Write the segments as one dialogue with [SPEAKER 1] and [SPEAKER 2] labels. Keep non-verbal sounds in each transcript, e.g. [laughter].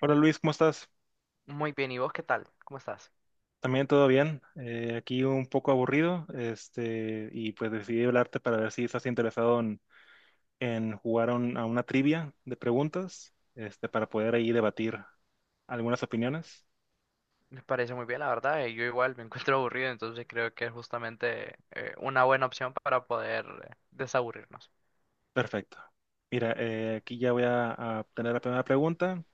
[SPEAKER 1] Hola Luis, ¿cómo estás?
[SPEAKER 2] Muy bien, ¿y vos qué tal? ¿Cómo estás?
[SPEAKER 1] También todo bien. Aquí un poco aburrido, este, y pues decidí hablarte para ver si estás interesado en jugar a a una trivia de preguntas, este, para poder ahí debatir algunas opiniones.
[SPEAKER 2] Me parece muy bien, la verdad. Yo igual me [laughs] encuentro aburrido, entonces creo que es justamente una buena opción para poder desaburrirnos.
[SPEAKER 1] Perfecto. Mira, aquí ya voy a tener la primera pregunta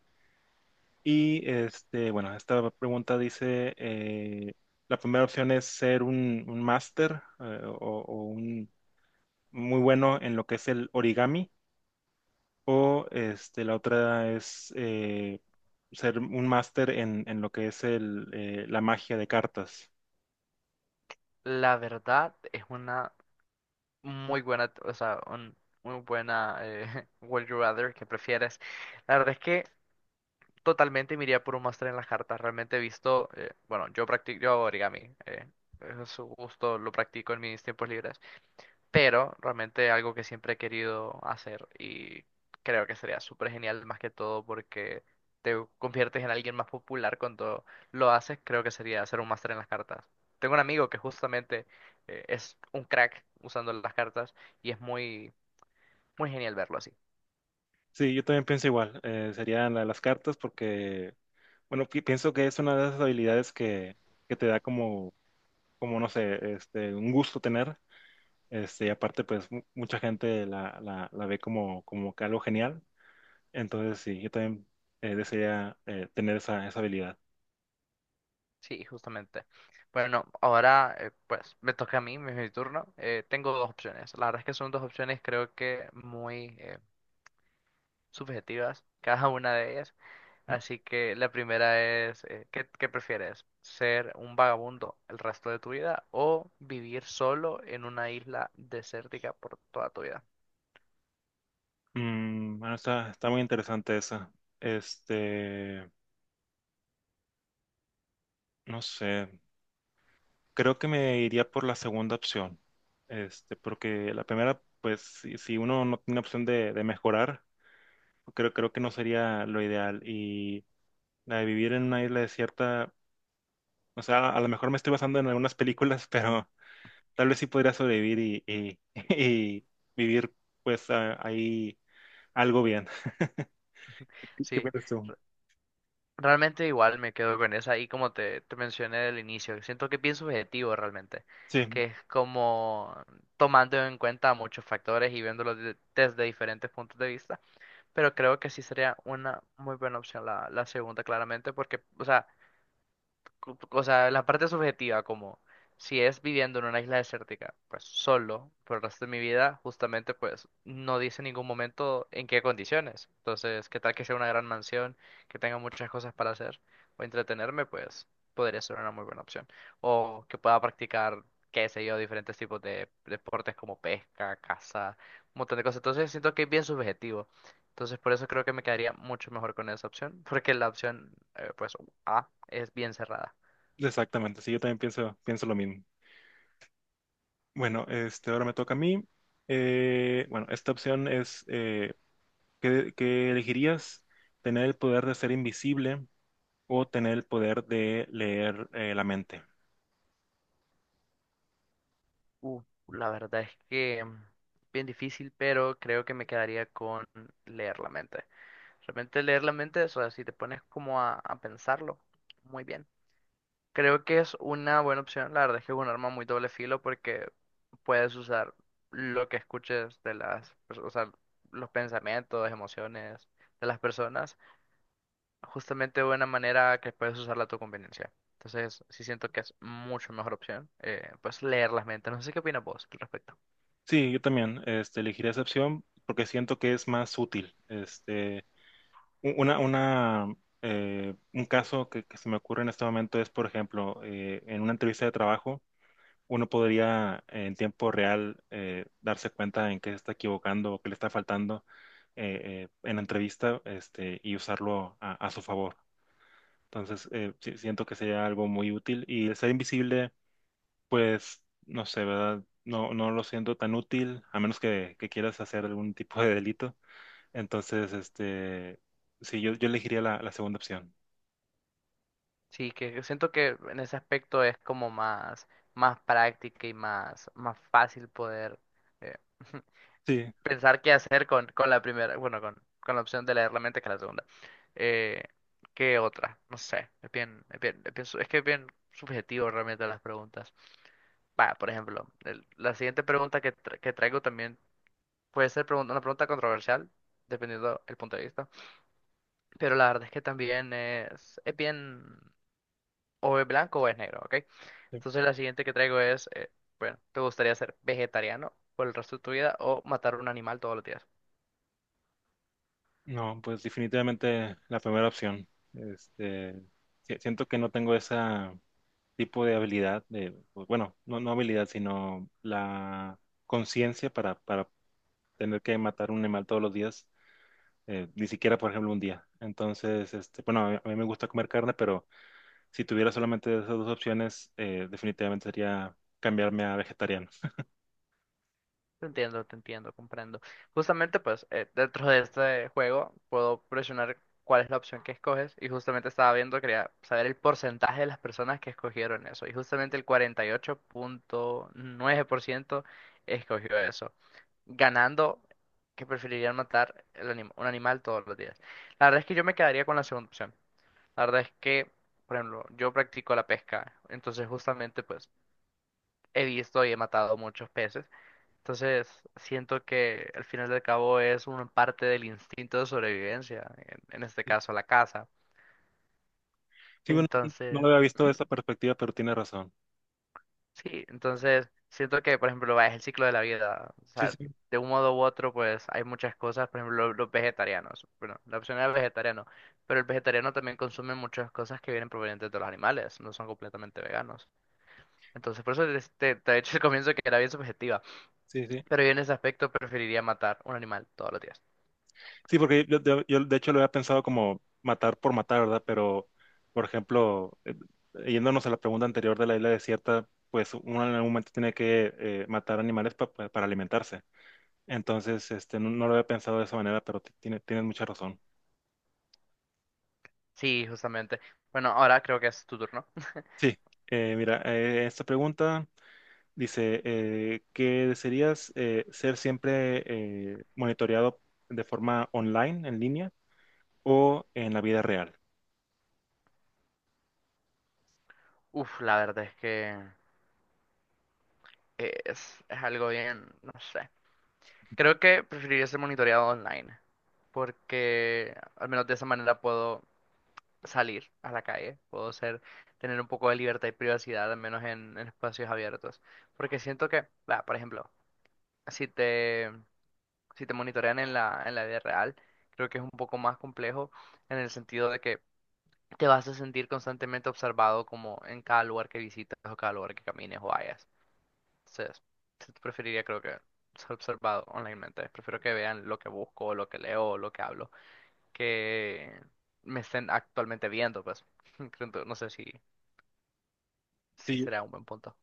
[SPEAKER 1] y este, bueno, esta pregunta dice, la primera opción es ser un máster o un muy bueno en lo que es el origami. O este, la otra es ser un máster en lo que es el, la magia de cartas.
[SPEAKER 2] La verdad es una muy buena, o sea, muy buena [laughs] Would You Rather que prefieres. La verdad es que totalmente me iría por un máster en las cartas. Realmente he visto, bueno, yo practico, yo hago origami. Eh, es un gusto, lo practico en mis tiempos libres. Pero realmente algo que siempre he querido hacer y creo que sería súper genial más que todo porque te conviertes en alguien más popular cuando lo haces, creo que sería hacer un máster en las cartas. Tengo un amigo que justamente es un crack usando las cartas y es muy genial verlo así.
[SPEAKER 1] Sí, yo también pienso igual. Sería la de las cartas porque, bueno, pienso que es una de esas habilidades que te da como, como, no sé, este, un gusto tener. Este, y aparte, pues mucha gente la ve como, como que algo genial. Entonces, sí, yo también desearía tener esa, esa habilidad.
[SPEAKER 2] Sí, justamente. Bueno, ahora pues me toca a mí, es mi turno. Tengo dos opciones. La verdad es que son dos opciones creo que muy subjetivas, cada una de ellas.
[SPEAKER 1] Mm,
[SPEAKER 2] Así que la primera es, ¿ qué prefieres? ¿Ser un vagabundo el resto de tu vida o vivir solo en una isla desértica por toda tu vida?
[SPEAKER 1] bueno, está, está muy interesante esa. Este. No sé, creo que me iría por la segunda opción, este, porque la primera, pues si uno no tiene opción de mejorar, creo, creo que no sería lo ideal. Y la de vivir en una isla desierta, o sea, a lo mejor me estoy basando en algunas películas, [laughs] pero tal vez sí podría sobrevivir [laughs] y vivir pues ahí algo bien. [laughs] ¿Qué
[SPEAKER 2] Sí,
[SPEAKER 1] piensas tú?
[SPEAKER 2] re- realmente igual me quedo con esa y como te mencioné al inicio, siento que pienso objetivo realmente,
[SPEAKER 1] Sí,
[SPEAKER 2] que es como tomando en cuenta muchos factores y viéndolo desde diferentes puntos de vista, pero creo que sí sería una muy buena opción la segunda claramente porque, o sea... O sea, la parte subjetiva, como si es viviendo en una isla desértica, pues solo por el resto de mi vida, justamente pues no dice en ningún momento en qué condiciones. Entonces, ¿qué tal que sea una gran mansión, que tenga muchas cosas para hacer o entretenerme? Pues podría ser una muy buena opción. O que pueda practicar, qué sé yo, diferentes tipos de deportes como pesca, caza, un montón de cosas. Entonces, siento que es bien subjetivo. Entonces, por eso creo que me quedaría mucho mejor con esa opción, porque la opción, pues a es bien cerrada.
[SPEAKER 1] exactamente, sí, yo también pienso, pienso lo mismo. Bueno, este, ahora me toca a mí. Bueno, esta opción es, ¿qué, qué elegirías? ¿Tener el poder de ser invisible o tener el poder de leer la mente?
[SPEAKER 2] Uh, la verdad es que mm, bien difícil, pero creo que me quedaría con leer la mente. Realmente leer la mente, o sea, si te pones como a pensarlo, muy bien. Creo que es una buena opción. La verdad es que es un arma muy doble filo porque puedes usar lo que escuches de las, o sea, los pensamientos, emociones de las personas justamente de una manera que puedes usarla a tu conveniencia. Entonces, sí siento que es mucho mejor opción, pues leer las mentes. No sé qué opinas vos al respecto.
[SPEAKER 1] Sí, yo también, este, elegiría esa opción porque siento que es más útil. Este, una, un caso que se me ocurre en este momento es, por ejemplo, en una entrevista de trabajo. Uno podría en tiempo real darse cuenta en qué se está equivocando o qué le está faltando en la entrevista este, y usarlo a su favor. Entonces, siento que sería algo muy útil y el ser invisible, pues, no sé, ¿verdad? No, no lo siento tan útil, a menos que quieras hacer algún tipo de delito. Entonces, este, sí, yo elegiría la segunda opción.
[SPEAKER 2] Sí, que siento que en ese aspecto es como más práctica y más fácil poder eh, [laughs]
[SPEAKER 1] Sí.
[SPEAKER 2] pensar qué hacer con la primera, bueno, con la opción de leer la mente que la segunda. Eh, ¿Qué otra? No sé, es bien es que es bien subjetivo realmente las preguntas. Va, por ejemplo, la siguiente pregunta que traigo también puede ser una pregunta controversial, dependiendo el punto de vista. Pero la verdad es que también es bien, o es blanco o es negro, ¿ok? Entonces la siguiente que traigo es, bueno, ¿te gustaría ser vegetariano por el resto de tu vida o matar un animal todos los días?
[SPEAKER 1] No, pues definitivamente la primera opción. Este, siento que no tengo ese tipo de habilidad, de, pues, bueno, no, no habilidad, sino la conciencia para tener que matar un animal todos los días, ni siquiera, por ejemplo, un día. Entonces, este, bueno, a mí me gusta comer carne, pero si tuviera solamente esas dos opciones, definitivamente sería cambiarme a vegetariano.
[SPEAKER 2] Te entiendo, comprendo. Justamente, pues, dentro de este juego puedo presionar cuál es la opción que escoges y justamente estaba viendo, quería saber el porcentaje de las personas que escogieron eso y justamente el 48,9% escogió eso. Ganando que preferirían matar el un animal todos los días. La verdad es que yo me quedaría con la segunda opción. La verdad es que, por ejemplo, yo practico la pesca, entonces justamente pues he visto y he matado muchos peces. Entonces siento que al final del cabo es una parte del instinto de sobrevivencia, en este caso la caza.
[SPEAKER 1] Sí, bueno, no lo
[SPEAKER 2] Entonces,
[SPEAKER 1] había visto de
[SPEAKER 2] ujú,
[SPEAKER 1] esa perspectiva, pero tiene razón.
[SPEAKER 2] sí, entonces siento que, por ejemplo, va, es el ciclo de la vida. O
[SPEAKER 1] Sí,
[SPEAKER 2] sea,
[SPEAKER 1] sí,
[SPEAKER 2] de un modo u otro, pues hay muchas cosas, por ejemplo, los vegetarianos. Bueno, la opción era vegetariano, pero el vegetariano también consume muchas cosas que vienen provenientes de los animales, no son completamente veganos. Entonces, por eso te he dicho al comienzo que era bien subjetiva,
[SPEAKER 1] sí, sí.
[SPEAKER 2] pero yo en ese aspecto preferiría matar un animal todos los días.
[SPEAKER 1] Sí, porque yo, yo, de hecho lo había pensado como matar por matar, ¿verdad? Pero, por ejemplo, yéndonos a la pregunta anterior de la isla desierta, pues uno en algún momento tiene que matar animales para alimentarse. Entonces, este, no, no lo había pensado de esa manera, pero tienes mucha razón.
[SPEAKER 2] Sí, justamente. Bueno, ahora creo que es tu turno.
[SPEAKER 1] Sí, mira, esta pregunta dice, ¿que desearías ser siempre monitoreado de forma online, en línea, o en la vida real?
[SPEAKER 2] Uf, la verdad es que es algo bien, no sé. Creo que preferiría ser monitoreado online, porque al menos de esa manera puedo salir a la calle, puedo ser, tener un poco de libertad y privacidad, al menos en espacios abiertos. Porque siento que, va, por ejemplo, si te, si te monitorean en en la vida real, creo que es un poco más complejo en el sentido de que te vas a sentir constantemente observado como en cada lugar que visitas o cada lugar que camines o vayas. Entonces, sí preferiría creo que ser observado onlinemente. Prefiero que vean lo que busco, lo que leo, lo que hablo, que me estén actualmente viendo, pues. [laughs] Creo que... No sé si, si
[SPEAKER 1] Sí,
[SPEAKER 2] será un buen punto.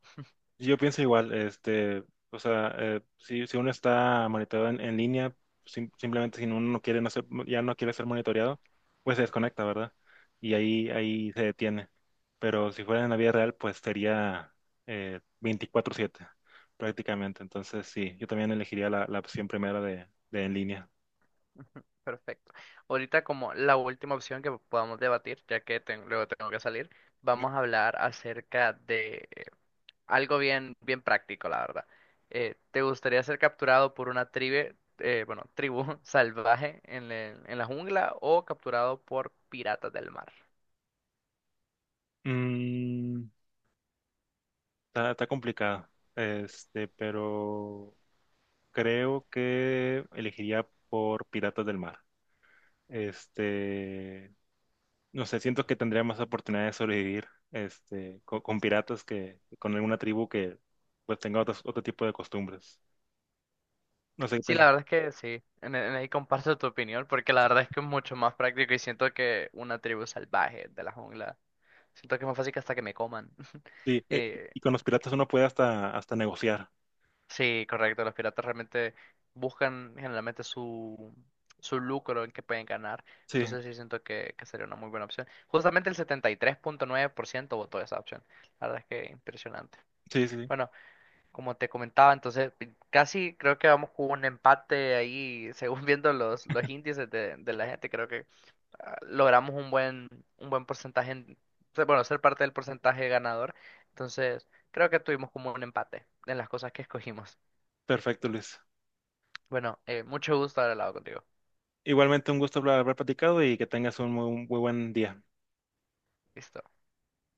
[SPEAKER 1] yo pienso igual, este, o sea, si uno está monitoreado en línea, simplemente si uno no quiere, ya no quiere ser monitoreado, pues se desconecta, ¿verdad? Ahí se detiene. Pero si fuera en la vida real, pues sería 24/7 prácticamente. Entonces, sí, yo también elegiría la opción primera de en línea.
[SPEAKER 2] Perfecto. Ahorita como la última opción que podamos debatir, ya que luego tengo que salir, vamos a hablar acerca de algo bien práctico, la verdad. ¿Te gustaría ser capturado por una tribe, bueno, tribu [laughs] salvaje en, en la jungla o capturado por piratas del mar?
[SPEAKER 1] Mm, está, está complicado, este, pero creo que elegiría por Piratas del Mar. Este, no sé, siento que tendría más oportunidad de sobrevivir, este, con piratas que con alguna tribu que pues tenga otro tipo de costumbres. No sé qué
[SPEAKER 2] Sí, la
[SPEAKER 1] piensas.
[SPEAKER 2] verdad es que sí, en ahí comparto tu opinión, porque la verdad es que es mucho más práctico y siento que una tribu salvaje de la jungla, siento que es más fácil que hasta que me coman. [laughs]
[SPEAKER 1] Sí,
[SPEAKER 2] Eh,
[SPEAKER 1] y con los piratas uno puede hasta, hasta negociar.
[SPEAKER 2] sí, correcto. Los piratas realmente buscan generalmente su, su lucro en que pueden ganar.
[SPEAKER 1] Sí,
[SPEAKER 2] Entonces sí siento que sería una muy buena opción. Justamente el 73,9% votó esa opción. La verdad es que impresionante.
[SPEAKER 1] sí, sí.
[SPEAKER 2] Bueno, como te comentaba, entonces casi creo que vamos con un empate ahí, [laughs] según viendo los índices de la gente, creo que ah, logramos un un buen porcentaje, bueno, ser parte del porcentaje ganador. Entonces creo que tuvimos como un empate en las cosas que escogimos.
[SPEAKER 1] Perfecto, Luis.
[SPEAKER 2] Bueno, mucho gusto haber hablado contigo.
[SPEAKER 1] Igualmente un gusto haber, haber platicado y que tengas un muy, muy buen día.
[SPEAKER 2] Listo.